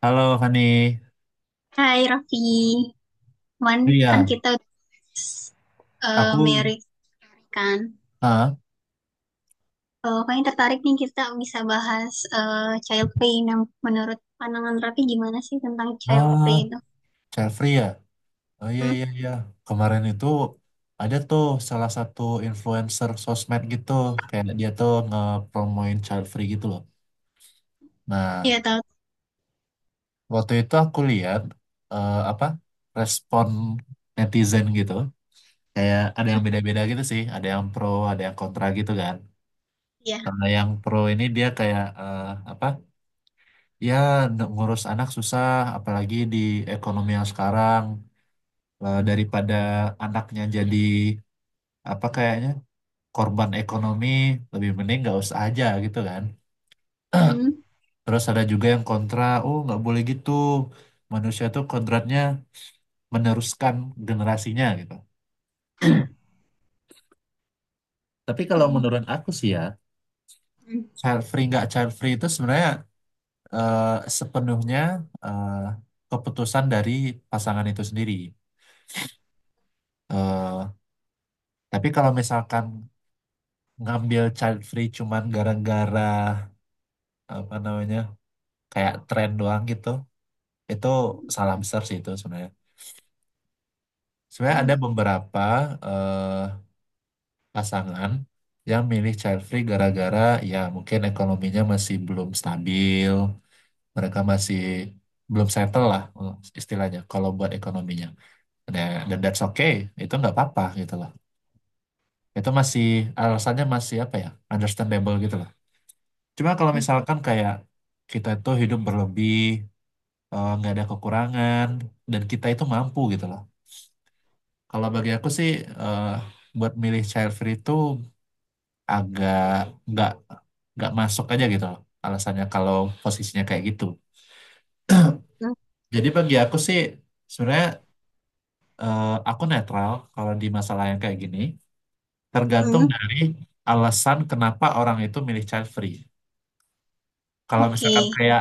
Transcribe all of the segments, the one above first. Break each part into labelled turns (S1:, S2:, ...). S1: Halo Fani.
S2: Hai Raffi, Wan,
S1: Oh
S2: kan
S1: iya,
S2: kita udah
S1: aku
S2: married story kan.
S1: ah
S2: Kayaknya tertarik nih kita bisa bahas child play. Nah, menurut pandangan Raffi gimana sih tentang child
S1: ah
S2: play itu?
S1: Chelsea ya. Oh iya
S2: Hmm,
S1: iya iya. Kemarin itu ada tuh salah satu influencer sosmed gitu, kayak dia tuh ngepromoin child free gitu loh. Nah,
S2: ya tahu
S1: waktu itu aku lihat apa respon netizen gitu, kayak ada yang beda-beda gitu sih, ada yang pro, ada yang kontra gitu kan.
S2: ya.
S1: Karena yang pro ini dia kayak apa? Ya, ngurus anak susah, apalagi di ekonomi yang sekarang. Daripada anaknya jadi apa kayaknya korban ekonomi lebih mending nggak usah aja gitu kan.
S2: Hmm,
S1: Terus ada juga yang kontra, oh nggak boleh gitu, manusia tuh kodratnya meneruskan generasinya gitu. Tapi kalau
S2: hmm,
S1: menurut aku sih ya,
S2: hmm,
S1: child free nggak child free itu sebenarnya eh, sepenuhnya eh, keputusan dari pasangan itu sendiri. Eh, tapi kalau misalkan ngambil child free cuman gara-gara apa namanya, kayak tren doang gitu, itu salah besar sih itu sebenarnya. Sebenarnya ada
S2: hmm,
S1: beberapa eh, pasangan yang milih child free gara-gara ya mungkin ekonominya masih belum stabil, mereka masih belum settle lah, istilahnya kalau buat ekonominya. Dan that's okay, itu nggak apa-apa gitu loh. Itu masih, alasannya masih apa ya, understandable gitu loh. Cuma kalau misalkan kayak kita itu hidup berlebih, nggak ada kekurangan dan kita itu mampu gitu loh. Kalau bagi aku sih eh, buat milih child free itu agak nggak nggak masuk aja gitu loh alasannya kalau posisinya kayak gitu.
S2: hmm,
S1: Jadi bagi aku sih sebenarnya aku netral kalau di masalah yang kayak gini, tergantung
S2: hmm.
S1: dari alasan kenapa orang itu milih child free. Kalau
S2: Oke.
S1: misalkan kayak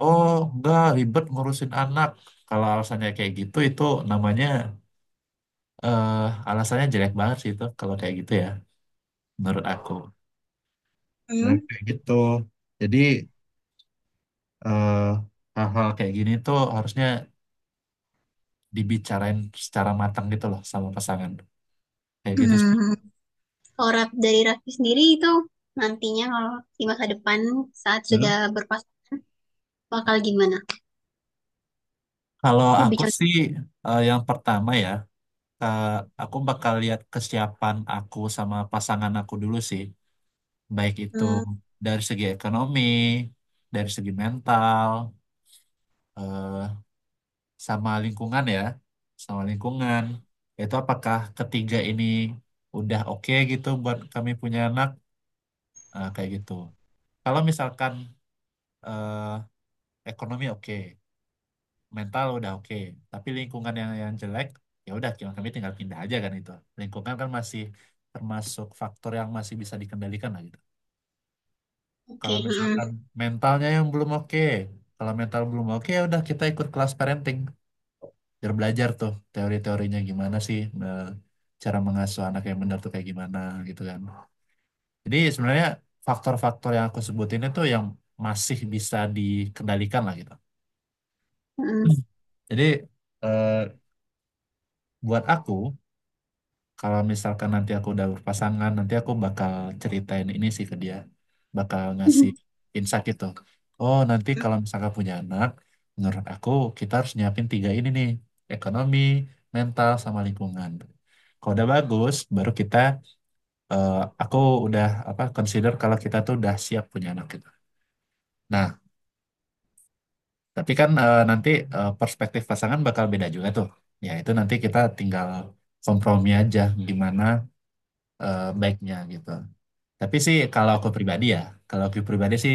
S1: oh nggak ribet ngurusin anak, kalau alasannya kayak gitu itu namanya eh alasannya jelek banget sih itu kalau kayak gitu ya, menurut aku. Nah,
S2: Hmm,
S1: kayak gitu. Jadi eh, hal-hal kayak gini tuh harusnya dibicarain secara matang gitu loh sama pasangan. Kayak gitu sih.
S2: hmm. Kalau dari Raffi sendiri itu nantinya kalau di masa depan saat
S1: Hmm.
S2: sudah berpasangan bakal gimana?
S1: Kalau
S2: Lebih
S1: aku
S2: cocok.
S1: sih yang pertama ya, eh, aku bakal lihat kesiapan aku sama pasangan aku dulu sih. Baik itu
S2: Hmm,
S1: dari segi ekonomi, dari segi mental, eh, sama lingkungan ya, sama lingkungan. Itu apakah ketiga ini udah oke gitu buat kami punya anak? Kayak gitu. Kalau misalkan eh, ekonomi oke, mental udah oke, tapi lingkungan yang jelek, ya udah kami kami tinggal pindah aja kan itu. Lingkungan kan masih termasuk faktor yang masih bisa dikendalikan lah gitu.
S2: oke.
S1: Kalau
S2: Hmm,
S1: misalkan mentalnya yang belum oke, kalau mental belum oke ya udah kita ikut kelas parenting, biar belajar tuh teori-teorinya gimana sih, cara mengasuh anak yang benar tuh kayak gimana gitu kan. Jadi sebenarnya faktor-faktor yang aku sebutin itu yang masih bisa dikendalikan lah gitu.
S2: hmm.
S1: Jadi eh, buat aku kalau misalkan nanti aku udah berpasangan, nanti aku bakal ceritain ini sih ke dia, bakal ngasih insight gitu. Oh nanti kalau misalkan punya anak, menurut aku kita harus nyiapin tiga ini nih, ekonomi, mental, sama lingkungan. Kalau udah bagus, baru kita, eh, aku udah apa, consider kalau kita tuh udah siap punya anak gitu. Nah, tapi kan nanti perspektif pasangan bakal beda juga tuh. Ya itu nanti kita tinggal kompromi aja gimana baiknya gitu. Tapi sih kalau aku pribadi ya, kalau aku pribadi sih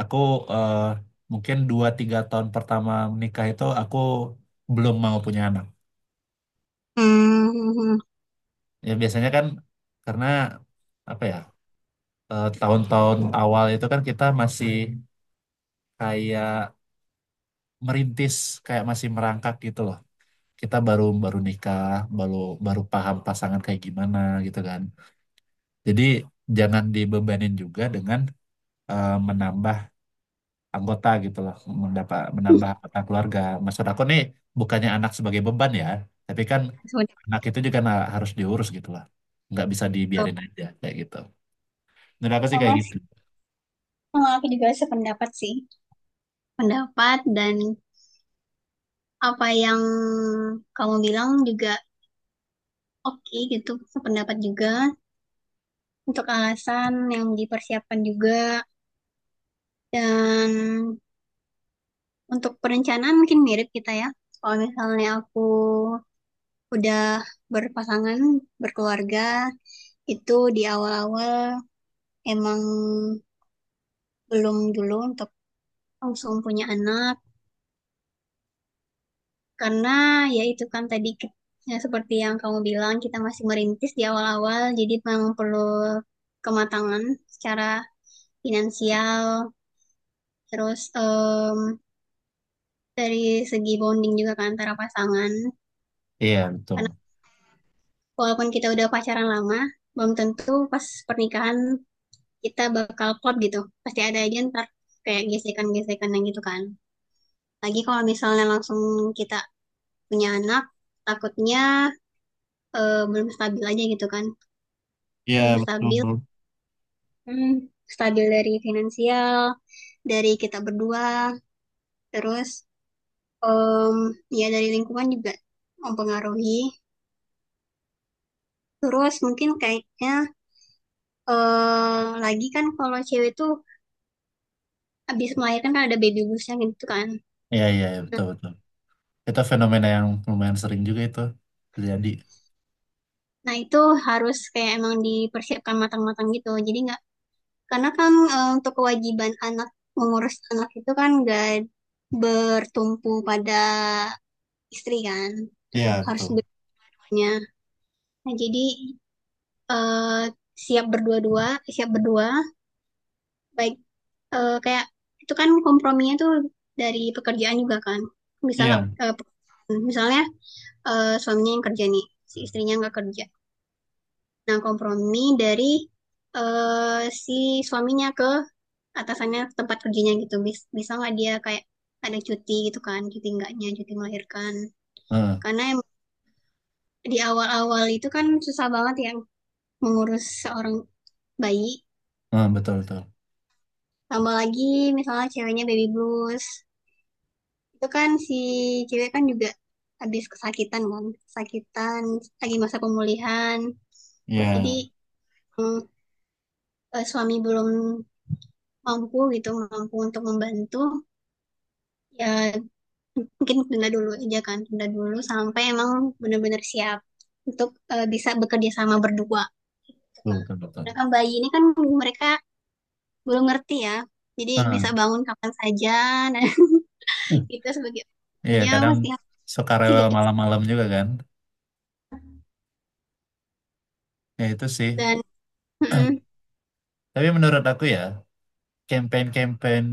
S1: aku eh, mungkin dua tiga tahun pertama menikah itu aku belum mau punya anak.
S2: Hmm,
S1: Ya biasanya kan karena apa ya, tahun-tahun awal itu kan kita masih kayak merintis, kayak masih merangkak gitu loh. Kita baru baru nikah, baru baru paham pasangan kayak gimana gitu kan. Jadi jangan dibebanin juga dengan menambah anggota gitu loh, menambah anggota keluarga. Maksud aku nih bukannya anak sebagai beban ya, tapi kan
S2: seperti
S1: anak itu juga harus diurus gitu lah. Nggak bisa
S2: itu.
S1: dibiarin aja kayak gitu. Menurut aku sih kayak
S2: Sama sih,
S1: gitu.
S2: sama aku juga sependapat sih. Pendapat dan apa yang kamu bilang juga oke gitu, sependapat juga. Untuk alasan yang dipersiapkan juga dan untuk perencanaan mungkin mirip kita ya. Kalau misalnya aku udah berpasangan, berkeluarga, itu di awal-awal emang belum dulu untuk langsung punya anak. Karena ya itu kan tadi ya seperti yang kamu bilang kita masih merintis di awal-awal jadi memang perlu kematangan secara finansial terus dari segi bonding juga kan antara pasangan
S1: Iya
S2: karena
S1: betul.
S2: walaupun kita udah pacaran lama belum tentu pas pernikahan kita bakal klop gitu pasti ada aja ntar kayak gesekan-gesekan yang gitu kan lagi kalau misalnya langsung kita punya anak takutnya belum stabil aja gitu kan
S1: Iya
S2: belum stabil.
S1: betul.
S2: Hmm, stabil dari finansial, dari kita berdua, terus em, ya dari lingkungan juga mempengaruhi. Terus mungkin kayaknya lagi kan kalau cewek tuh habis melahirkan kan ada baby bluesnya gitu kan.
S1: Iya iya iya,
S2: Nah,
S1: betul betul. Itu fenomena yang lumayan sering juga itu terjadi.
S2: nah, itu harus kayak emang dipersiapkan matang-matang gitu. Jadi nggak karena kan untuk kewajiban anak mengurus anak itu kan nggak bertumpu pada istri kan,
S1: Iya
S2: harus
S1: betul.
S2: berduanya. Nah, jadi eh, siap berdua-dua, siap berdua, baik kayak itu kan komprominya tuh dari pekerjaan juga kan. Bisa nggak
S1: Iya.
S2: hmm, misalnya suaminya yang kerja nih, si istrinya nggak kerja. Nah, kompromi dari si suaminya ke atasannya ke tempat kerjanya gitu. Bisa nggak dia kayak ada cuti gitu kan, cuti enggaknya, cuti melahirkan.
S1: Heeh,
S2: Karena di awal-awal itu kan susah banget ya mengurus seorang bayi.
S1: heeh, betul betul.
S2: Tambah lagi misalnya ceweknya baby blues. Itu kan si cewek kan juga habis kesakitan kan. Kesakitan, lagi masa pemulihan. Jadi
S1: Iya,
S2: mm, suami belum mampu gitu, mampu untuk membantu. Ya mungkin tunda dulu aja kan. Tunda dulu sampai emang benar-benar siap untuk bisa bekerja sama berdua.
S1: betul, betul, betul.
S2: Nah, kan bayi ini kan mereka belum ngerti ya. Jadi bisa
S1: Ah,
S2: bangun kapan saja. Nah, itu sebagai
S1: iya,
S2: makanya
S1: kadang
S2: pasti harus
S1: suka rewel
S2: dijaga.
S1: malam-malam juga kan. Ya itu sih.
S2: Dan mm,
S1: Tapi menurut aku ya, campaign-campaign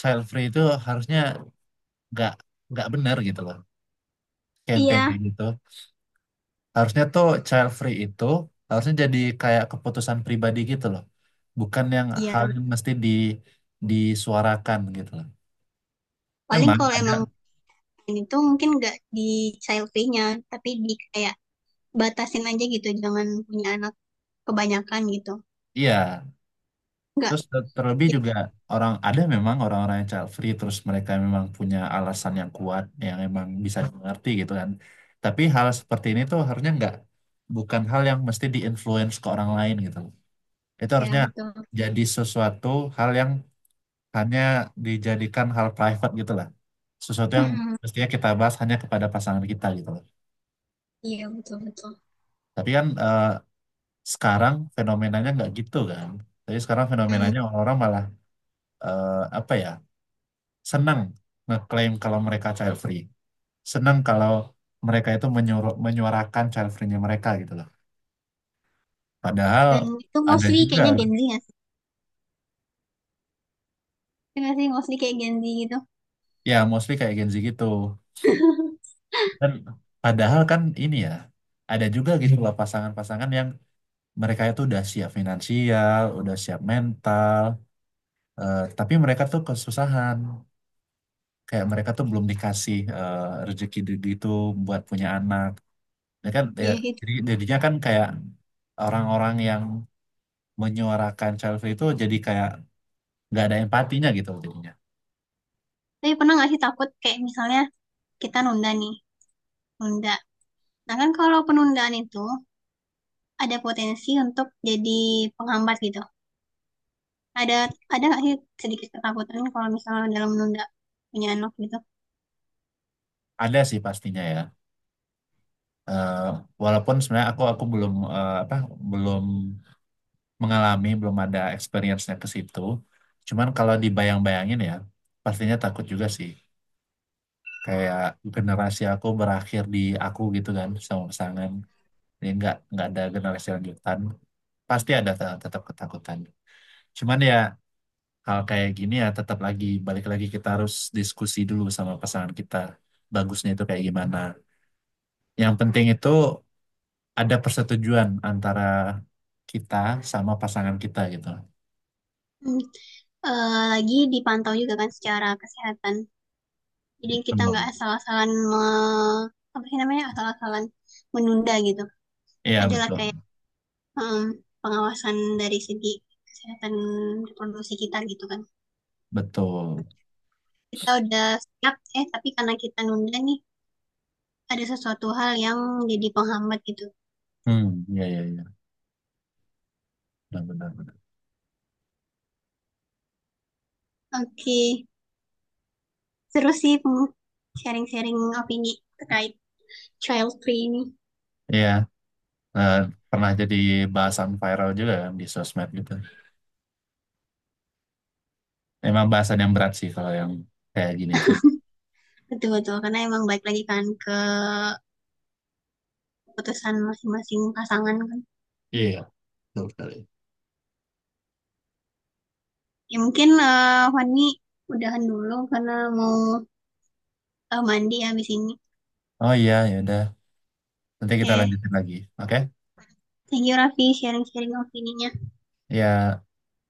S1: child free itu harusnya nggak nggak benar gitu loh. Campaign
S2: iya,
S1: kayak gitu. Harusnya tuh child free itu harusnya jadi kayak keputusan pribadi gitu loh. Bukan yang
S2: iya.
S1: hal yang mesti disuarakan gitu loh.
S2: Paling
S1: Memang
S2: kalau
S1: ada,
S2: emang bukan itu mungkin nggak di child free-nya, tapi di kayak batasin aja gitu, jangan punya anak kebanyakan gitu.
S1: iya.
S2: Nggak,
S1: Terus terlebih
S2: iya,
S1: juga orang ada memang orang-orang yang child free terus mereka memang punya alasan yang kuat yang emang bisa dimengerti gitu kan. Tapi hal seperti ini tuh harusnya nggak, bukan hal yang mesti diinfluence ke orang lain gitu. Itu
S2: iya,
S1: harusnya
S2: betul.
S1: jadi sesuatu hal yang hanya dijadikan hal private gitu lah. Sesuatu yang
S2: Mm-mm,
S1: mestinya kita bahas hanya kepada pasangan kita gitu loh.
S2: iya, betul, betul.
S1: Tapi kan sekarang fenomenanya nggak gitu kan. Tapi sekarang
S2: Mm.
S1: fenomenanya orang-orang malah apa ya, senang ngeklaim kalau mereka child free. Senang kalau mereka itu menyuruh, menyuarakan child free-nya mereka gitu loh. Padahal
S2: Dan itu
S1: ada
S2: mostly
S1: juga,
S2: kayaknya Gen Z nggak sih? Iya nggak sih, mostly kayak Gen Z gitu.
S1: ya mostly kayak Gen Z gitu. Dan padahal kan ini ya, ada juga gitu loh pasangan-pasangan yang mereka itu udah siap finansial, udah siap mental, tapi mereka tuh kesusahan. Kayak mereka tuh belum dikasih rezeki itu buat punya anak. Ya kan, ya,
S2: Iya, gitu.
S1: jadi jadinya kan kayak orang-orang yang menyuarakan selfie itu jadi kayak nggak ada empatinya gitu loh jadinya.
S2: Tapi pernah nggak sih takut kayak misalnya kita nunda nih, nunda. Nah kan kalau penundaan itu ada potensi untuk jadi penghambat gitu. ada ada nggak sih sedikit ketakutan kalau misalnya dalam menunda punya anak gitu?
S1: Ada sih pastinya ya. Eh, Walaupun sebenarnya aku belum eh, apa belum mengalami, belum ada experience-nya ke situ. Cuman kalau dibayang-bayangin ya pastinya takut juga sih. Kayak generasi aku berakhir di aku gitu kan sama pasangan. Jadi nggak ada generasi lanjutan. Pasti ada tetap ketakutan. Cuman ya hal kayak gini ya tetap, lagi balik lagi kita harus diskusi dulu sama pasangan kita bagusnya itu kayak gimana, yang penting itu ada persetujuan antara kita sama pasangan kita gitu.
S2: Hmm. Eh, lagi dipantau juga kan secara kesehatan jadi kita nggak
S1: Betul.
S2: apa sih namanya asal-asalan menunda gitu.
S1: Iya
S2: Adalah
S1: betul
S2: kayak em, pengawasan dari segi kesehatan reproduksi kita gitu kan
S1: betul.
S2: kita udah siap eh tapi karena kita nunda nih ada sesuatu hal yang jadi penghambat gitu.
S1: Hmm, iya iya iya, benar benar benar.
S2: Oke, seru sih sharing-sharing opini terkait child free ini.
S1: Iya, eh, pernah jadi bahasan viral juga kan di sosmed gitu. Emang bahasan yang berat sih kalau yang kayak gini tuh.
S2: Betul betul karena emang balik lagi kan ke keputusan masing-masing pasangan kan.
S1: Iya, betul sekali.
S2: Ya mungkin Fani udahan dulu karena mau mandi habis ini.
S1: Oh iya ya udah, nanti kita
S2: Oke,
S1: lanjutin lagi. Oke
S2: thank you Raffi sharing-sharing opininya.
S1: ya.